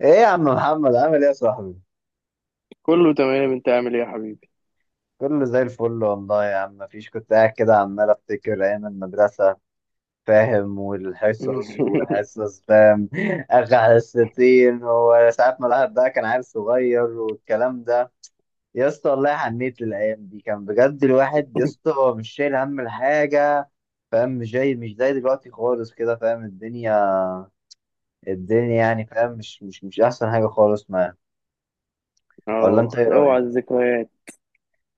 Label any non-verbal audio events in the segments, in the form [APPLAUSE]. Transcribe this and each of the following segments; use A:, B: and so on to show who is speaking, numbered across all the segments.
A: ايه يا عم محمد، عامل ايه يا صاحبي؟
B: كله تمام، انت عامل ايه يا حبيبي؟
A: كله زي الفل والله يا عم. مفيش، كنت قاعد كده عمال افتكر ايام المدرسه، فاهم؟ والحصص
B: [LAUGHS]
A: والحصص فاهم. [LAUGHS] اخر حصتين، وساعات ما الواحد بقى كان عيل صغير والكلام ده. يا اسطى والله حنيت للايام دي، كان بجد الواحد يا اسطى هو مش شايل هم الحاجه، فاهم؟ مش زي دلوقتي خالص كده، فاهم؟ الدنيا، يعني فاهم مش احسن حاجه خالص معايا. ولا انت
B: اه
A: ايه
B: اوعى
A: رايك؟
B: الذكريات.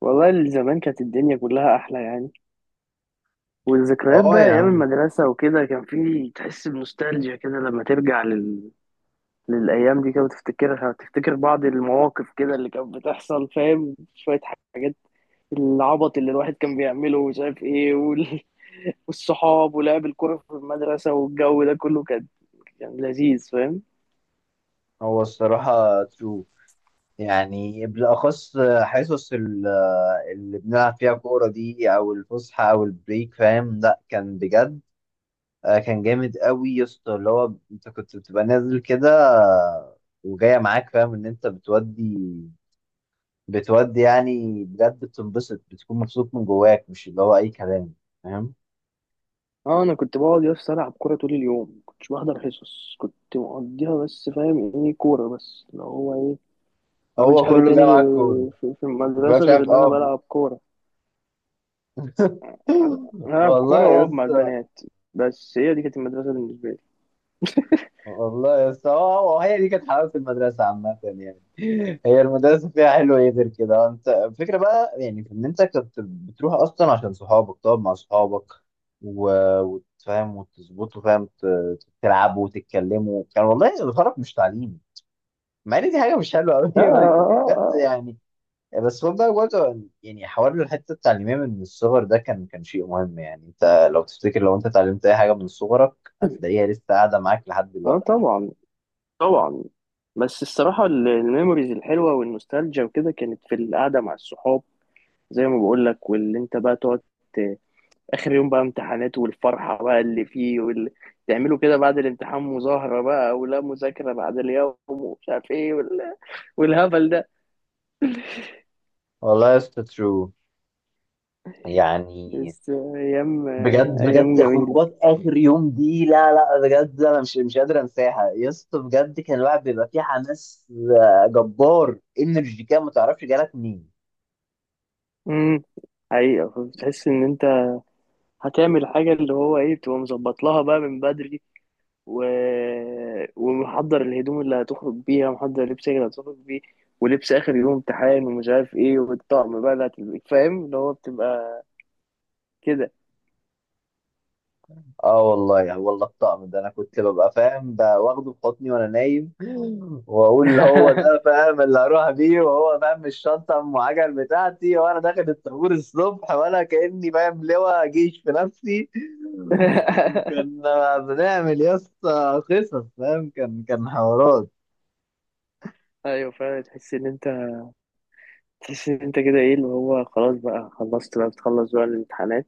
B: والله زمان كانت الدنيا كلها احلى يعني. والذكريات
A: اه
B: بقى
A: يا
B: ايام
A: عم.
B: المدرسه وكده، كان في تحس بنوستالجيا كده لما ترجع لل... للايام دي كده وتفتكرها وتفتكر بعض المواقف كده اللي كانت بتحصل، فاهم؟ شويه حاجات، العبط اللي الواحد كان بيعمله ومش عارف ايه وال... والصحاب ولعب الكوره في المدرسه والجو ده كله كان كان لذيذ، فاهم؟
A: هو الصراحة ترو، يعني بالأخص حصص اللي بنلعب فيها كورة دي أو الفسحة أو البريك، فاهم؟ لأ، كان بجد كان جامد قوي يا اسطى، اللي هو أنت كنت بتبقى نازل كده آه، وجاية معاك، فاهم إن أنت بتودي، يعني بجد بتنبسط، بتكون مبسوط من جواك، مش اللي هو أي كلام، فاهم؟
B: اه انا كنت بقعد يس العب كوره طول اليوم، كنتش بحضر حصص، كنت مقضيها بس فاهم ايه؟ كوره بس اللي هو ايه، ما بعملش
A: هو
B: حاجه
A: كله
B: تاني
A: جاي
B: غير
A: معاك كورة.
B: في المدرسه
A: مش
B: غير
A: عارف
B: ان انا
A: أه.
B: بلعب كوره. انا
A: [LAUGHS]
B: العب
A: والله
B: كوره
A: يا
B: واقعد مع
A: اسطى.
B: البنات، بس هي دي كانت المدرسه بالنسبه لي.
A: والله يا اسطى، هو هي دي كانت حلاوه المدرسه عامه يعني. [LAUGHS] هي المدرسه فيها حلو ايه غير كده؟ انت الفكره بقى يعني، في ان انت كنت بتروح اصلا عشان صحابك، تقعد مع صحابك و... وتفهم وتظبطوا، فاهم؟ تلعبوا وتتكلموا، كان والله الغرض مش تعليم، مع ان دي حاجه مش حلوه قوي.
B: اه
A: [LAUGHS]
B: اه
A: بجد
B: اه،
A: يعني. بس هو بقى برضه يعني، حوار الحته التعليميه من الصغر ده كان شيء مهم، يعني انت لو تفتكر، لو انت اتعلمت اي حاجه من صغرك، هتلاقيها لسه قاعده معاك لحد
B: آه آه،
A: دلوقتي.
B: طبعا. طبعا. بس الصراحه ال- الميموريز الحلوه والنوستالجيا وكده كانت في القعده مع الصحاب، زي ما بقول لك، واللي انت بقى تقعد اخر يوم بقى امتحانات والفرحه بقى اللي فيه وال... تعملوا كده بعد الامتحان مظاهره بقى ولا مذاكره بعد اليوم ومش عارف ايه وال... والهبل ده.
A: والله يا اسطى ترو، يعني
B: بس ايام،
A: بجد
B: ايام
A: بجد،
B: جميله.
A: خروجات اخر يوم دي لا لا بجد، انا مش قادر انساها يا اسطى. بجد كان الواحد بيبقى فيه حماس، جبار، انرجي كده ما تعرفش جالك منين.
B: امم حقيقه بتحس ان انت هتعمل حاجه اللي هو ايه، بتبقى مظبط لها بقى من بدري و... ومحضر الهدوم اللي هتخرج بيها، محضر لبسك اللي هتخرج بيه، ولبس اخر يوم امتحان ومش عارف ايه والطقم بقى اللي هتلبسه، فاهم اللي هو بتبقى كده.
A: اه والله يعني، والله الطقم ده انا كنت ببقى فاهم ده واخده في حضني وانا نايم. [LAUGHS] واقول اللي هو ده، فاهم اللي هروح بيه، وهو فاهم الشنطه ام عجل بتاعتي وانا داخل الطابور الصبح وانا كاني فاهم لواء جيش في نفسي.
B: [LAUGHS]
A: كنا بنعمل يا اسطى قصص، فاهم؟ كان حوارات.
B: ايوه فعلا، تحس ان انت تحس ان انت كده ايه اللي هو خلاص بقى، خلصت بقى، بتخلص بقى الامتحانات.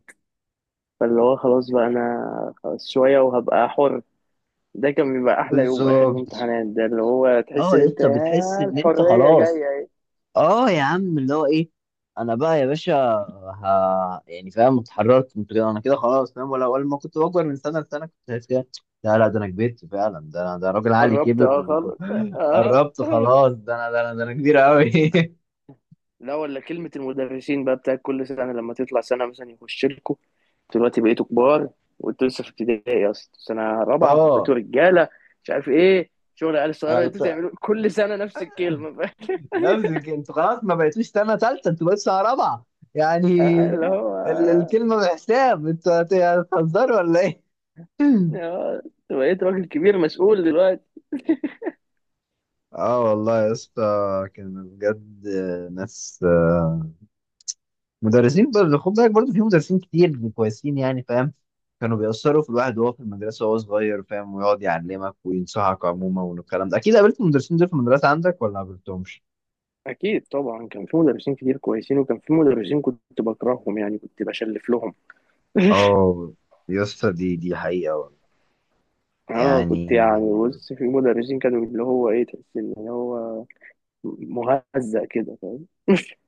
B: فاللي هو خلاص بقى انا خلاص شويه وهبقى حر. ده كان بيبقى احلى يوم، اخر
A: بالظبط.
B: الامتحانات ده اللي هو تحس
A: اه
B: ان
A: يا
B: انت
A: اسطى، بتحس
B: يا
A: ان انت
B: الحريه
A: خلاص،
B: جايه ايه.
A: اه يا عم اللي هو ايه، انا بقى يا باشا. ها يعني، فاهم اتحررت، كنت كده، انا كده خلاص، فاهم؟ ولا ما كنت بكبر من سنه لسنه، كنت شايف كده. لا لا، ده انا كبرت فعلا، ده انا، ده راجل عقلي
B: قربت
A: كبر،
B: اه خالص. اه.
A: وقربت
B: [LAUGHS]
A: خلاص، ده انا، ده انا، ده انا كبير قوي.
B: لا، ولا كلمه المدرسين بقى بتاعت كل سنه، لما تطلع سنه مثلا يخش لكم: دلوقتي بقيتوا كبار وانتوا لسه في ابتدائي اصلا، سنه
A: [LAUGHS]
B: رابعه
A: اه،
B: بقيتوا رجاله، مش عارف ايه، شغل عيال
A: انا
B: صغيره انتوا
A: بت...
B: تعملوا، كل سنه نفس الكلمه. [LAUGHS]
A: نفسي كده، انتوا خلاص ما بقيتوش سنه ثالثه، انتوا بقيتوا سنه رابعه يعني.
B: آه، اللي هو
A: الكلمه بحساب انتوا هتهزروا ولا ايه؟ [LAUGHS]
B: آه، بقيت راجل كبير مسؤول دلوقتي.
A: اه والله يا اسطى، كان بجد ناس مدرسين برضه، خد بالك، برضه في مدرسين كتير كويسين يعني، فاهم؟ كانوا بيأثروا في الواحد وهو في المدرسة وهو صغير، فاهم؟ ويقعد يعلمك وينصحك عموما والكلام ده. أكيد قابلت المدرسين دول في المدرسة عندك ولا ما قابلتهمش؟
B: اكيد طبعا، كان في مدرسين كتير كويسين وكان في مدرسين كنت بكرههم يعني كنت بشلف لهم.
A: اه يا اسطى، دي حقيقة والله
B: اه كنت
A: يعني.
B: يعني بص، في مدرسين كانوا اللي هو ايه، تحس ان هو مهزأ كده، فاهم؟ [LAUGHS]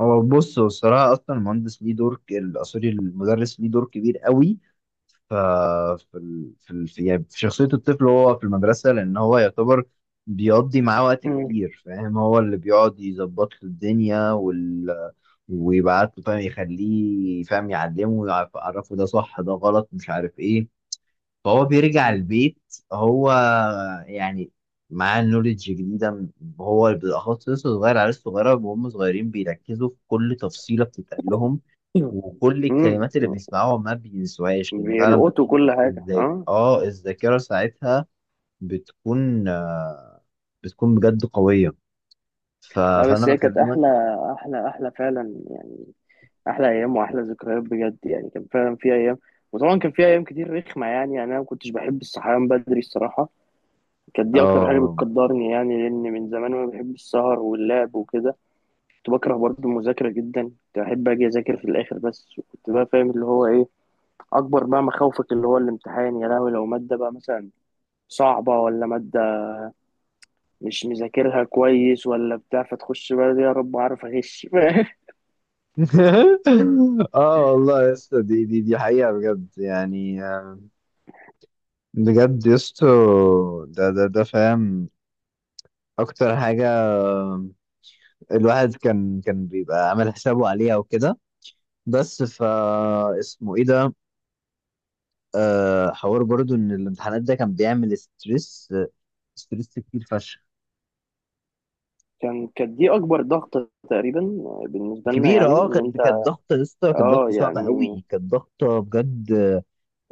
A: هو بص، هو الصراحة أصلا المهندس ليه دور سوري، المدرس ليه دور كبير قوي ف- في في يعني، في شخصية الطفل وهو في المدرسة، لأن هو يعتبر بيقضي معاه وقت
B: مم.
A: كتير، فاهم؟ هو اللي بيقعد يظبط له الدنيا ويبعت له، فاهم يخليه، فاهم يعلمه يعرفه ده صح ده غلط، مش عارف إيه. فهو بيرجع البيت، هو يعني معاه نوليدج جديدة هو بالأخص لسه صغير، عيال صغيرة، وهم صغيرين بيركزوا في كل تفصيلة بتتقال لهم، وكل
B: مم.
A: الكلمات اللي
B: مم.
A: بيسمعوها ما بينسوهاش، لان فعلا
B: بيلقطوا
A: بتكون
B: كل حاجه اه.
A: الذاكره ساعتها بتكون بتكون بجد قويه.
B: لا
A: فانا
B: بس هي كانت احلى،
A: بكلمك.
B: احلى فعلا يعني، احلى ايام واحلى ذكريات بجد يعني، كان فعلا في ايام. وطبعا كان في ايام كتير رخمه يعني، يعني انا ما كنتش بحب الصحيان بدري الصراحه، كانت دي اكتر حاجه
A: اه.
B: بتقدرني يعني، لان من زمان وانا بحب السهر واللعب وكده. كنت بكره برضه المذاكره جدا، كنت بحب اجي اذاكر في الاخر بس، كنت بقى فاهم اللي هو ايه اكبر بقى مخاوفك اللي هو الامتحان، يا لهوي لو ماده بقى مثلا صعبه، ولا ماده مش مذاكرها كويس ولا بتاع، فتخش بقى يا رب اعرف اغش. [LAUGHS]
A: [LAUGHS] اه والله يا اسطى، دي حقيقه بجد، يعني آه، بجد يا اسطى، ده فاهم اكتر حاجه الواحد كان بيبقى عامل حسابه عليها وكده. بس فا اسمه ايه ده؟ آه، حوار برضو ان الامتحانات ده كان بيعمل ستريس، ستريس كتير فشخ.
B: كان كانت دي اكبر ضغط تقريبا بالنسبه لنا،
A: كبيرة
B: يعني
A: اه،
B: ان
A: كانت
B: انت
A: كانت ضغطة، لسه كانت
B: اه
A: ضغطة صعبة
B: يعني.
A: قوي، كانت ضغطة بجد.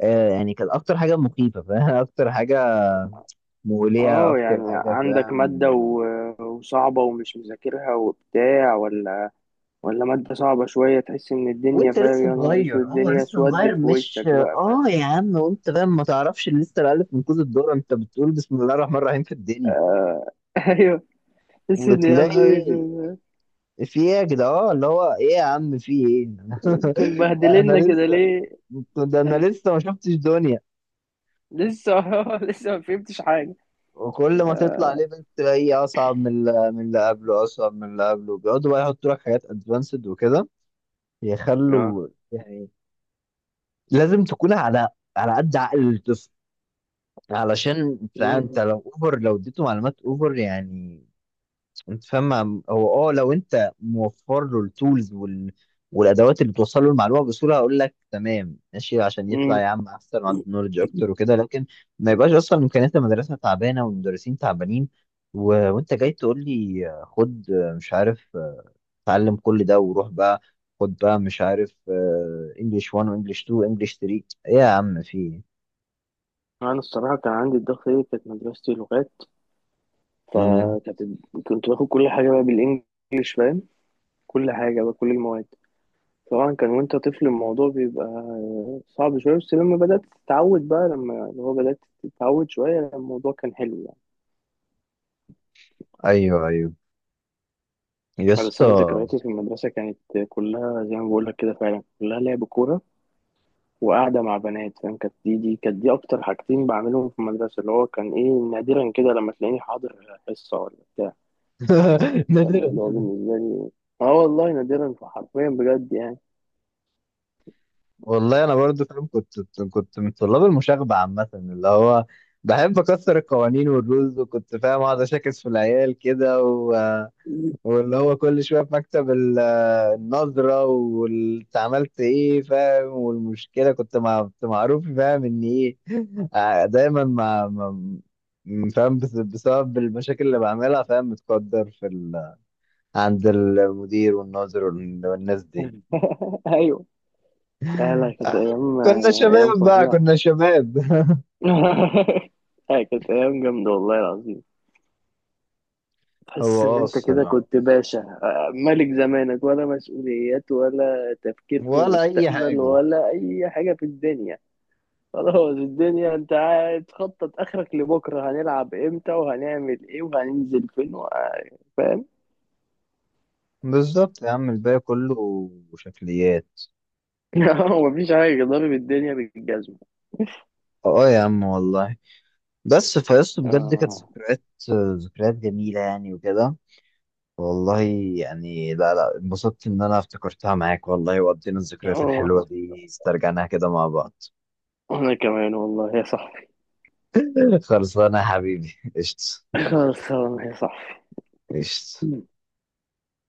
A: آه يعني، كانت أكتر حاجة مخيفة، فاهم؟ [LAUGHS] أكتر حاجة مولية،
B: اه يعني
A: أكتر حاجة،
B: عندك
A: فاهم؟
B: مادة و- وصعبة ومش مذاكرها وبتاع، ولا ولا مادة صعبة شوية، تحس ان الدنيا
A: وأنت
B: فاهم
A: لسه
B: يا نهار اسود،
A: صغير، اه
B: الدنيا
A: لسه صغير،
B: سودت في
A: مش
B: وشك بقى،
A: اه
B: فاهم؟
A: يا عم، وأنت فاهم ما تعرفش لسه الألف من كوز الدورة، أنت بتقول بسم الله الرحمن الرحيم في الدنيا،
B: [LAUGHS] ايوه. تحس ان يا نهار
A: وتلاقي
B: اسود
A: في ايه يا جدع، اه اللي هو ايه يا عم في ايه.
B: انتوا
A: [LAUGHS] انا
B: مبهدلنا كده
A: لسه
B: ليه؟
A: ده انا لسه ما شفتش دنيا.
B: لسه. [LAUGHS] لسه ما فهمتش حاجة
A: وكل ما تطلع ليفل تلاقيه اصعب من اللي قبله، اصعب من اللي قبله، بيقعدوا بقى يحطوا لك حاجات ادفانسد وكده،
B: اه.
A: يخلوا يعني لازم تكون على قد عقل الطفل، علشان فاهم.
B: مم.
A: انت لو اديته معلومات اوفر، يعني انت فاهم، هو اه، لو انت موفر له التولز والادوات اللي بتوصل له المعلومه بسهوله، هقول لك تمام ماشي، عشان يطلع
B: مم.
A: يا عم احسن وعنده نولج اكتر وكده. لكن ما يبقاش اصلا امكانيات المدرسه تعبانه والمدرسين تعبانين، وانت جاي تقول لي، آه، خد، مش عارف، اتعلم كل ده وروح بقى، خد بقى مش عارف، انجلش 1 وانجلش 2 وانجلش 3، ايه يا عم في ايه؟
B: انا الصراحة كان عندي الضغط ايه، كانت مدرستي لغات،
A: مم.
B: فكانت كنت باخد كل حاجة بقى بالانجلش، فاهم؟ كل حاجة بقى، كل المواد. طبعا كان وانت طفل الموضوع بيبقى صعب شوية، بس لما بدأت تتعود بقى، لما اللي هو بدأت تتعود شوية الموضوع كان حلو يعني.
A: ايوه ايوه يا
B: بس أنا
A: اسطى.
B: ذكرياتي في المدرسة كانت كلها زي ما بقولك كده، فعلا كلها لعب كورة وقعدة مع بنات، فاهم؟ كانت دي كانت دي أكتر حاجتين بعملهم في المدرسة، اللي هو كان إيه نادرا كده لما تلاقيني حاضر حصة ولا بتاع، يعني
A: [LAUGHS]
B: كان
A: نادرا.
B: الموضوع بالنسبة لي اه والله نادرا حرفيا بجد يعني.
A: والله انا برضو فاهم كنت من طلاب المشاغبه عامه، اللي هو بحب اكسر القوانين والرولز، وكنت فاهم اقعد اشاكس في العيال كده واللي هو كل شويه في مكتب النظره، وانت عملت ايه، فاهم؟ والمشكله كنت معروف، فاهم ان ايه. [LAUGHS] دايما فاهم، بسبب المشاكل اللي بعملها، فاهم متقدر عند المدير والناظر والناس دي.
B: [LAUGHS] ايوه، لا لا
A: آه،
B: كانت ايام،
A: كنا
B: ايام
A: شباب بقى،
B: فظيعه.
A: كنا شباب. [LAUGHS]
B: [LAUGHS] هي كانت أيام جامدة والله العظيم،
A: هو
B: تحس إن
A: اه
B: أنت كده
A: الصراحة،
B: كنت باشا آه، ملك زمانك، ولا مسؤوليات ولا تفكير في
A: ولا أي
B: مستقبل
A: حاجة.
B: ولا أي حاجة في الدنيا. خلاص الدنيا أنت قاعد تخطط آخرك لبكرة، هنلعب إمتى وهنعمل إيه وهننزل فين و- فاهم؟
A: بالظبط يا عم، الباقي كله شكليات.
B: [LAUGHS] مفيش حاجة، ضارب الدنيا بالجزمة.
A: اه يا عم والله، بس فيصل بجد كانت
B: آه
A: ذكريات جميلة يعني وكده، والله يعني، لا لا انبسطت إن أنا افتكرتها معاك والله، وقضينا الذكريات الحلوة
B: آه،
A: دي، استرجعناها كده مع بعض.
B: وأنا كمان والله يا صاحبي.
A: [LAUGHS] خلصانة يا حبيبي، قشطة.
B: [LAUGHS] خلاص يا صاحبي.
A: قشطة.